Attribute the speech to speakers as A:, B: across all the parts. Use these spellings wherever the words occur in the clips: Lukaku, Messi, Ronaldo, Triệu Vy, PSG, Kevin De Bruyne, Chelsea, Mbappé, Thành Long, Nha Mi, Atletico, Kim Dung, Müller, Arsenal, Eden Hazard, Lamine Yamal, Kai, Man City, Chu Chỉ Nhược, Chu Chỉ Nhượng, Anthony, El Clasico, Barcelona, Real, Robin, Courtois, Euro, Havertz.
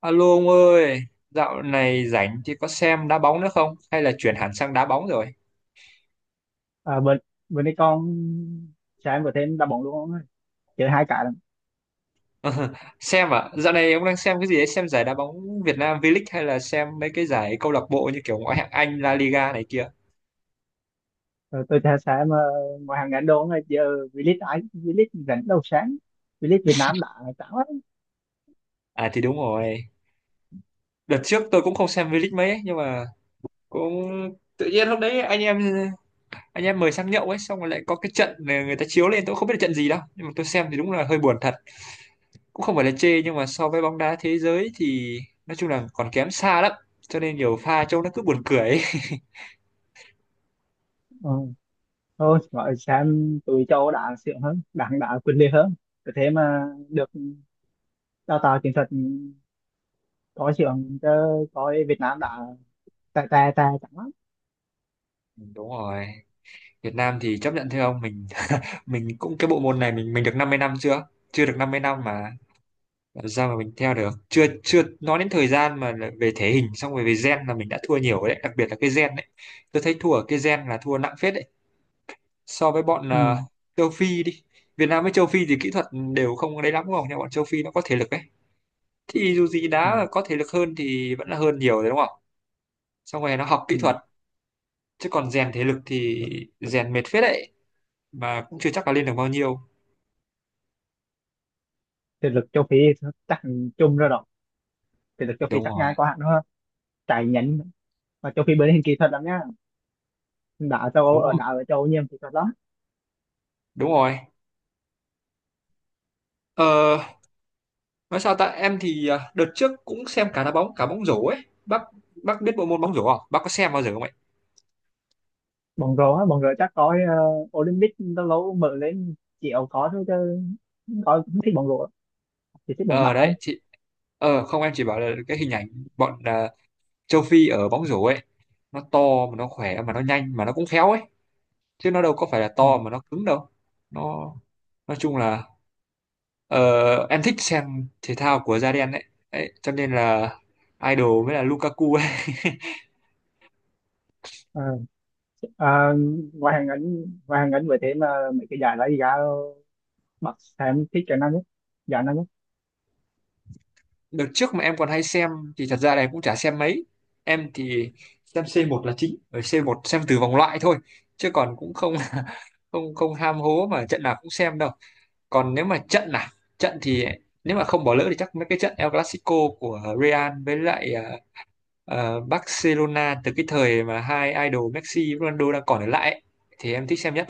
A: Alo ông ơi, dạo này rảnh thì có xem đá bóng nữa không? Hay là chuyển hẳn sang đá bóng rồi?
B: À, bên bên đây con sáng vừa thêm đá bóng luôn ông ơi, chơi hai cả lận.
A: Xem à? Dạo này ông đang xem cái gì đấy? Xem giải đá bóng Việt Nam V-League hay là xem mấy cái giải câu lạc bộ như kiểu ngoại hạng Anh, La Liga này kia?
B: Rồi tôi thấy sáng, ngoài hàng ngàn đô ông giờ. V-League ai V-League rảnh đâu sáng, V-League Việt Nam đã chán lắm.
A: À thì đúng rồi. Đợt trước tôi cũng không xem V-League mấy ấy, nhưng mà cũng tự nhiên lúc đấy anh em mời sang nhậu ấy, xong rồi lại có cái trận này người ta chiếu lên, tôi không biết là trận gì đâu, nhưng mà tôi xem thì đúng là hơi buồn thật. Cũng không phải là chê nhưng mà so với bóng đá thế giới thì nói chung là còn kém xa lắm, cho nên nhiều pha trông nó cứ buồn cười ấy.
B: Ừ, thôi gọi sáng tụi châu đã xịn hơn, đảng đã quyền liệt hơn, có thế mà được đào tạo chiến thuật có xịn chứ. Coi Việt Nam đã tè tè tè chẳng lắm.
A: Đúng rồi, Việt Nam thì chấp nhận theo ông mình. Mình cũng cái bộ môn này mình được 50 năm chưa, chưa được 50 năm mà làm sao mà mình theo được. Chưa chưa nói đến thời gian mà là về thể hình, xong rồi về gen là mình đã thua nhiều đấy, đặc biệt là cái gen đấy. Tôi thấy thua ở cái gen là thua nặng phết đấy, so với bọn
B: Ừ.
A: châu Phi đi. Việt Nam với châu Phi thì kỹ thuật đều không đấy lắm đúng không, nhưng bọn châu Phi nó có thể lực đấy, thì dù gì
B: Ừ.
A: đá có thể lực hơn thì vẫn là hơn nhiều đấy đúng không. Xong rồi nó học kỹ
B: Ừ.
A: thuật, chứ còn rèn thể lực thì rèn mệt phết đấy, mà cũng chưa chắc là lên được bao nhiêu.
B: Thực lực châu Phi chắc chung rồi đó, thực lực châu Phi
A: Đúng
B: chắc
A: rồi,
B: ngang qua hẳn hơn, chạy nhánh. Và châu Phi bên hình kỹ thuật lắm nhá, đã châu Âu
A: đúng
B: ở
A: rồi,
B: đã ở châu Âu nhiều thì có đó.
A: đúng rồi. ờ, nói sao ta, em thì đợt trước cũng xem cả đá bóng cả bóng rổ ấy bác. Bác biết bộ môn bóng rổ không, bác có xem bao giờ không ấy?
B: Bóng rổ á, bóng rổ chắc có, Olympic lâu lâu mở lên chỉ có thôi chứ. Coi không thích bóng rổ, chỉ thích bóng
A: Ờ
B: đá thôi.
A: đấy chị, ờ không, em chỉ bảo là cái hình ảnh bọn châu Phi ở bóng rổ ấy, nó to mà nó khỏe mà nó nhanh mà nó cũng khéo ấy, chứ nó đâu có phải là
B: Ừ.
A: to mà nó cứng đâu. Nó, nói chung là, Ờ, em thích xem thể thao của da đen đấy. Đấy, cho nên là idol mới là Lukaku ấy.
B: à, à, ngoài hàng ngắn, ngoài hàng ngắn với thế mà mấy cái giải đó thì ra, Bắc em thích cái nào nhất, giải nào nhất?
A: Đợt trước mà em còn hay xem thì thật ra là em cũng chả xem mấy. Em thì xem C một là chính, ở C một xem từ vòng loại thôi, chứ còn cũng không không không ham hố mà trận nào cũng xem đâu. Còn nếu mà trận nào, trận thì nếu mà không bỏ lỡ thì chắc mấy cái trận El Clasico của Real với lại Barcelona, từ cái thời mà hai idol Messi, Ronaldo đang còn ở lại ấy, thì em thích xem nhất.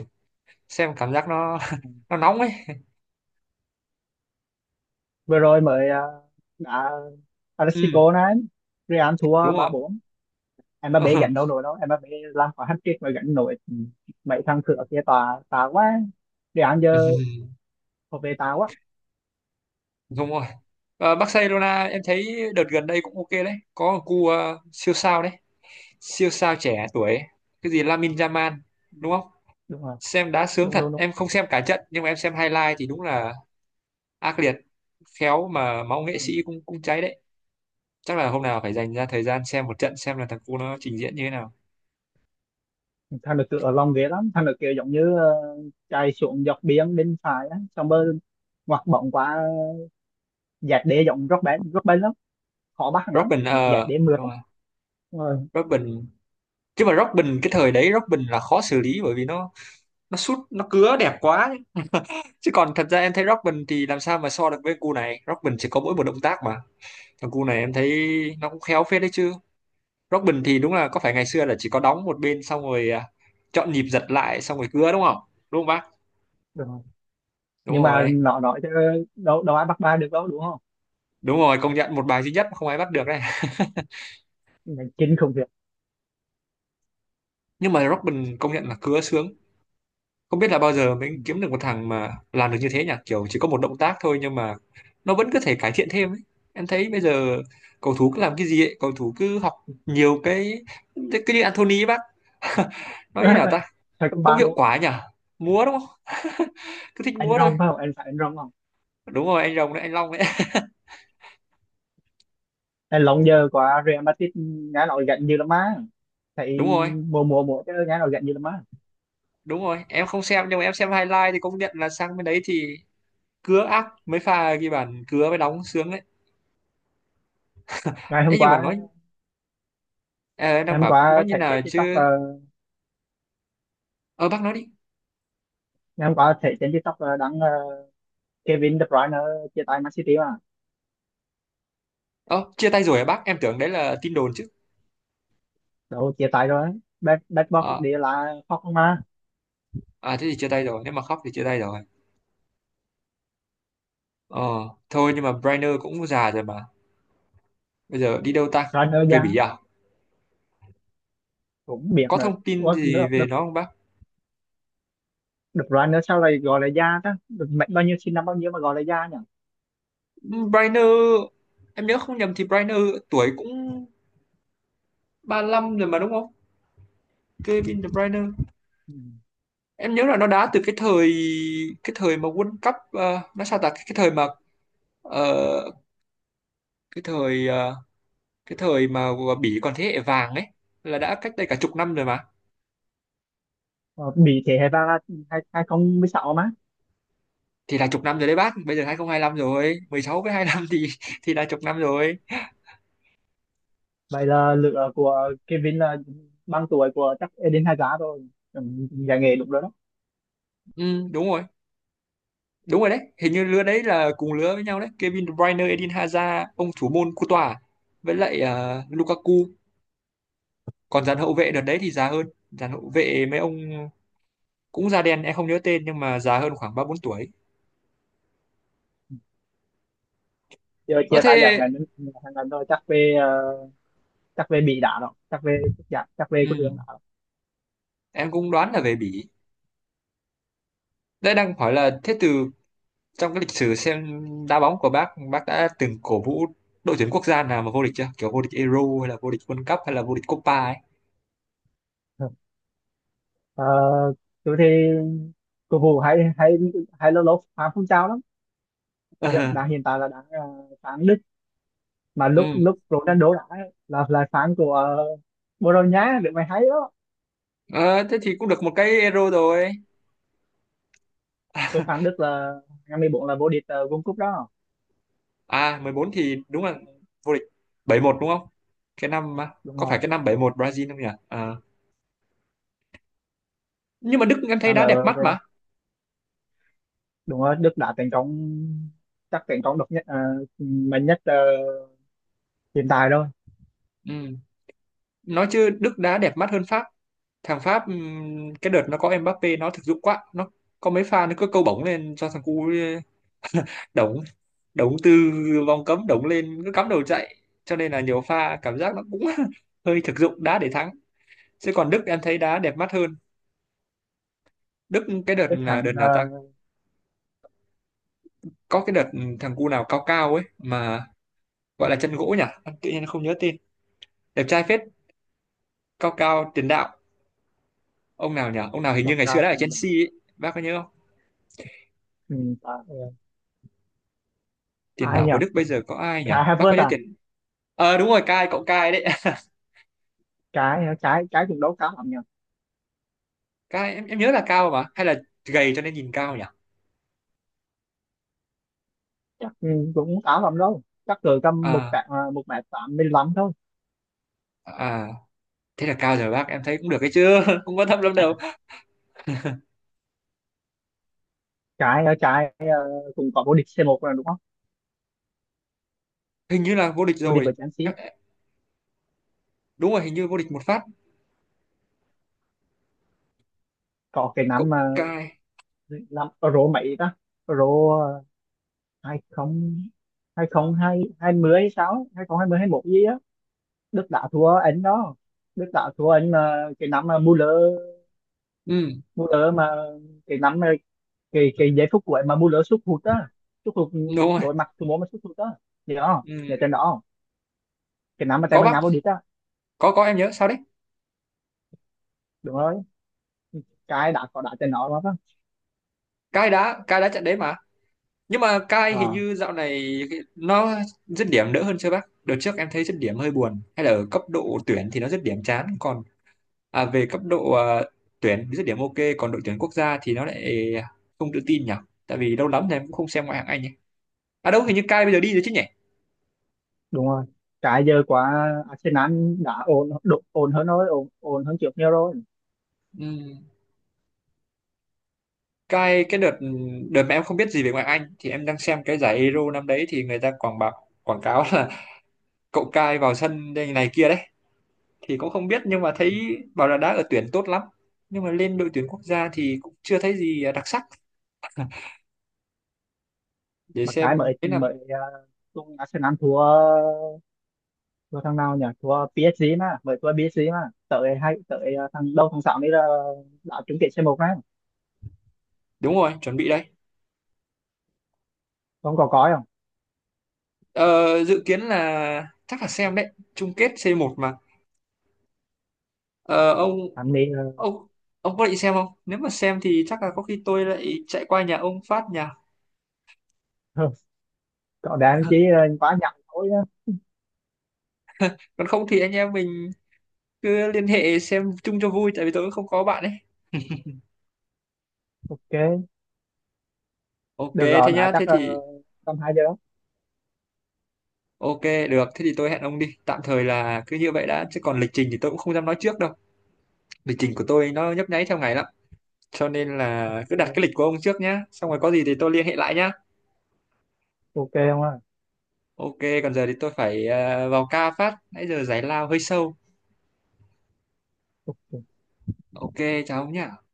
A: Xem cảm giác nó
B: Ừ.
A: nó nóng ấy.
B: Vừa rồi mới đã
A: Ừ,
B: Atletico này, Real thua
A: đúng
B: ba
A: rồi.
B: bốn, Mbappé
A: Ờ,
B: gánh đâu nổi đâu, Mbappé làm quả hat-trick mà gánh nổi. Ừ. Mấy thằng cửa kia tà tà quá, Real
A: ừ,
B: giờ có về tà quá.
A: đúng rồi. Ờ, Barcelona em thấy đợt gần đây cũng ok đấy, có một cu siêu sao đấy, siêu sao trẻ tuổi ấy. Cái gì Lamine Yamal
B: Ừ.
A: đúng không?
B: Đúng không?
A: Xem đá sướng
B: Đúng
A: thật,
B: đúng đúng.
A: em không xem cả trận nhưng mà em xem highlight thì đúng là ác liệt, khéo mà máu nghệ
B: Ừ.
A: sĩ cũng cũng cháy đấy. Chắc là hôm nào phải dành ra thời gian xem một trận xem là thằng cu nó trình diễn như thế nào.
B: Thằng được ở lòng ghế lắm, thằng được kiểu giống như chạy xuống dọc biển bên phải á, xong rồi ngoặt bóng qua, dạt đế giống rất bén, rất bén lắm, khó bắt thằng lắm,
A: Robin
B: thằng dạt
A: ờ,
B: đế mượt
A: đúng
B: lắm.
A: rồi,
B: Đúng rồi.
A: Robin. Chứ mà Robin cái thời đấy Robin là khó xử lý bởi vì nó sút nó cứa đẹp quá chứ. Chứ còn thật ra em thấy Robin thì làm sao mà so được với cu này, Robin chỉ có mỗi một động tác mà, còn cu này em thấy nó cũng khéo phết đấy chứ. Robin thì đúng là có phải ngày xưa là chỉ có đóng một bên, xong rồi chọn nhịp giật lại xong rồi cứa đúng không, đúng không bác?
B: Đúng rồi.
A: Đúng
B: Nhưng mà
A: rồi,
B: nó nói chứ đâu đâu ai bắt ba được đâu, đúng không?
A: đúng rồi, công nhận một bài duy nhất mà không ai bắt được đây.
B: Mình chính không việc.
A: Nhưng mà Robin công nhận là cứa sướng. Không biết là bao giờ
B: Ừ.
A: mình kiếm được một thằng mà làm được như thế nhỉ, kiểu chỉ có một động tác thôi nhưng mà nó vẫn có thể cải thiện thêm ấy. Em thấy bây giờ cầu thủ cứ làm cái gì ấy, cầu thủ cứ học nhiều cái, cứ như Anthony ấy bác. Nói như nào ta,
B: Sao có
A: không
B: ba
A: hiệu
B: đúng không?
A: quả nhỉ, múa đúng không, cứ thích
B: Anh
A: múa thôi.
B: Rong phải không, anh phải anh Rong không?
A: Đúng rồi, anh Rồng đấy, anh Long đấy.
B: Anh long giờ qua Real Madrid nghe nói gạnh như là má, thấy
A: Đúng rồi,
B: mùa mùa mùa chứ nghe nói gạnh như là má.
A: đúng rồi, em không xem nhưng mà em xem highlight thì công nhận là sang bên đấy thì cứa ác, mấy pha ghi bàn cứa mới đóng sướng đấy.
B: Ngày
A: Ê,
B: hôm
A: nhưng mà
B: qua,
A: nói, em
B: ngày
A: đang
B: hôm
A: bảo nói
B: qua
A: như
B: thấy
A: nào
B: trên TikTok
A: chứ. Ờ bác nói đi.
B: ngày hôm qua thấy trên TikTok là đăng, Kevin De Bruyne chia tay Man City mà.
A: Ờ chia tay rồi à bác, em tưởng đấy là tin đồn chứ.
B: Đâu, chia tay rồi, bad bad boy
A: À,
B: đi là khóc không mà.
A: à thế thì chia tay rồi, nếu mà khóc thì chia tay rồi. Ờ, thôi nhưng mà Brainer cũng già rồi mà, bây giờ đi đâu ta,
B: Bruyne
A: về Bỉ
B: già
A: à?
B: cũng biết
A: Có
B: được.
A: thông tin
B: Ủa,
A: gì về nó không bác?
B: De Bruyne sao lại gọi là già ta, được mệnh bao nhiêu, sinh năm bao nhiêu mà gọi là già nhỉ?
A: Brainer, em nhớ không nhầm thì Brainer tuổi cũng ba lăm rồi mà, đúng không? Kevin De Bruyne,
B: Ừ.
A: em nhớ là nó đá từ cái thời, cái thời mà World Cup nó sao ta, cái thời mà ờ, cái thời cái thời mà Bỉ còn thế hệ vàng ấy, là đã cách đây cả chục năm rồi mà.
B: Ờ, bị thế hệ vàng là hai hai không mười sáu mà.
A: Thì là chục năm rồi đấy bác, bây giờ 2025 rồi, 16 với 25 thì thì là chục năm rồi.
B: Vậy là lựa của Kevin là bằng tuổi của chắc Eden Hazard rồi. Ừ, giải nghệ đúng rồi đó.
A: Ừ, đúng rồi. Đúng rồi đấy, hình như lứa đấy là cùng lứa với nhau đấy, Kevin De Bruyne, Eden Hazard, ông thủ môn Courtois với lại Lukaku. Còn dàn hậu vệ đợt đấy thì già hơn, dàn hậu vệ mấy ông cũng da đen em không nhớ tên, nhưng mà già hơn khoảng ba bốn tuổi.
B: Giờ
A: Ờ
B: chia tay giải
A: thế.
B: này đến, rồi chắc về chắc về bị đá rồi, chắc về, chắc chắc về cái đường
A: Ừ,
B: đá rồi.
A: em cũng đoán là về Bỉ. Đây đang hỏi là thế từ trong cái lịch sử xem đá bóng của bác đã từng cổ vũ đội tuyển quốc gia nào mà vô địch chưa, kiểu vô địch Euro hay là vô địch World Cup hay là vô địch Copa ấy?
B: Ờ, tôi thì cầu thủ hay hay, hay lâu lâu phán phong trào lắm. Dạ,
A: Ờ,
B: đã hiện tại là đang phán Đức, mà lúc
A: ừ.
B: lúc Ronaldo đã là phán của Bồ Đào Nha, được mày hay đó.
A: Ờ, thế thì cũng được một cái Euro rồi.
B: Tôi phán Đức là ngày 14 là vô địch World Cup đó.
A: À 14 thì đúng là vô địch. 71 đúng không, cái năm mà,
B: Đúng
A: có phải
B: rồi,
A: cái năm 71 Brazil không nhỉ? Ờ. Nhưng mà Đức em thấy
B: làm
A: đá
B: là
A: đẹp mắt mà.
B: đúng rồi, Đức đã thành công, chắc thành công độc nhất mạnh nhất hiện tại thôi.
A: Ừ. Nói chứ Đức đá đẹp mắt hơn Pháp. Thằng Pháp cái đợt nó có Mbappé nó thực dụng quá, nó có mấy pha nó cứ câu bóng lên cho thằng cu đống, từ vòng cấm đống lên cứ cắm đầu chạy, cho nên là nhiều pha cảm giác nó cũng hơi thực dụng, đá để thắng. Chứ còn Đức em thấy đá đẹp mắt hơn. Đức cái đợt
B: Đức
A: là đợt
B: thắng,
A: nào ta,
B: uh,
A: có cái đợt thằng cu nào cao cao ấy mà, gọi là chân gỗ nhỉ. Em tự nhiên không nhớ tên, đẹp trai phết, cao cao, tiền đạo, ông nào nhỉ, ông nào hình như
B: độc
A: ngày xưa
B: cao
A: đã ở
B: cũng là
A: Chelsea ấy. Bác có nhớ không?
B: ừ, à, ờ,
A: Tiền
B: ai
A: đạo
B: nhỉ,
A: của Đức bây giờ có ai nhỉ,
B: cái
A: bác có
B: Havertz
A: nhớ
B: à?
A: tiền, ờ đúng rồi, Kai, cậu Kai đấy.
B: Cái cũng đấu khá lắm nhỉ.
A: Kai em nhớ là cao, mà hay là gầy cho nên nhìn cao nhỉ.
B: Chắc ừ, cũng khá lắm đâu, chắc cỡ tầm một tạ
A: À,
B: à, một mét tám mươi lăm thôi.
A: à thế là cao rồi bác, em thấy cũng được, cái chưa không quan tâm lắm đâu.
B: Trái ở trái cũng có vô địch c một rồi đúng không,
A: Hình như là vô địch
B: vô địch
A: rồi.
B: với Chelsea.
A: Em, đúng rồi hình như vô địch một phát.
B: Có cái
A: Cậu
B: năm mà,
A: Cai.
B: năm Euro mấy ta, Euro à, hai không, hai không hai hai mươi hay sao ấy, hai không hai mươi hai một gì á. Đức đã thua anh đó, Đức đã thua anh mà cái năm mà Müller,
A: Ừ,
B: Müller mà cái năm mà cái giây phút cuối mà Müller sút hụt á, sút hụt ừ,
A: đúng rồi.
B: đối mặt thủ môn mà sút hụt á, gì đó nhớ
A: Ừ.
B: trên đó không? Cái năm mà Tây
A: Có
B: Ban
A: bác,
B: Nha vô địch á.
A: có em nhớ sao đấy.
B: Đúng rồi, cái đã có đá trên nó lắm á.
A: Cai đã, Cai đã trận đấy mà. Nhưng mà Cai hình
B: à,
A: như dạo này cái, nó dứt điểm đỡ hơn chưa bác, đợt trước em thấy dứt điểm hơi buồn, hay là ở cấp độ tuyển thì nó dứt điểm chán còn về cấp độ tuyển dứt điểm ok, còn đội tuyển quốc gia thì nó lại không tự tin nhỉ. Tại vì lâu lắm rồi em cũng không xem ngoại hạng Anh nhỉ. À đâu, hình như Cai bây giờ đi rồi chứ nhỉ.
B: Đúng rồi, cái giờ quá, Arsenal đã ổn hơn rồi, ổn hơn trước nhiều rồi.
A: Ừ. Cái đợt, đợt mà em không biết gì về ngoại Anh thì em đang xem cái giải Euro năm đấy, thì người ta quảng cáo là cậu Cai vào sân đây này kia đấy, thì cũng không biết, nhưng mà thấy bảo là đá ở tuyển tốt lắm, nhưng mà lên đội tuyển quốc gia thì cũng chưa thấy gì đặc sắc. Để
B: Mà cái
A: xem
B: mới
A: thế là.
B: mới tung Arsenal thua, thua thằng nào nhỉ, thua PSG mà mới thua PSG mà tới thằng đâu thằng sáu đấy là, đã trúng kết c một đấy.
A: Đúng rồi, chuẩn bị đây.
B: Không có coi không?
A: Ờ, dự kiến là chắc là xem đấy, chung kết C một mà. Ờ, ông,
B: Thằng này
A: ông ông có định xem không, nếu mà xem thì chắc là có khi tôi lại chạy qua nhà ông phát, nhà.
B: ờ, có đáng chỉ ờ, quá nhặng thôi á.
A: Còn không thì anh em mình cứ liên hệ xem chung cho vui, tại vì tôi cũng không có bạn ấy.
B: Ok,
A: Ok,
B: được rồi
A: thế
B: đã,
A: nhá, thế
B: chắc là
A: thì
B: tầm hai giờ.
A: ok. Được, thế thì tôi hẹn ông đi, tạm thời là cứ như vậy đã, chứ còn lịch trình thì tôi cũng không dám nói trước đâu, lịch trình của tôi nó nhấp nháy theo ngày lắm, cho nên là cứ đặt
B: Ok.
A: cái lịch của ông trước nhá, xong rồi có gì thì tôi liên hệ lại nhá.
B: Ok không ạ.
A: Ok. Còn giờ thì tôi phải vào ca phát, nãy giờ giải lao hơi sâu. Ok, chào ông nhá.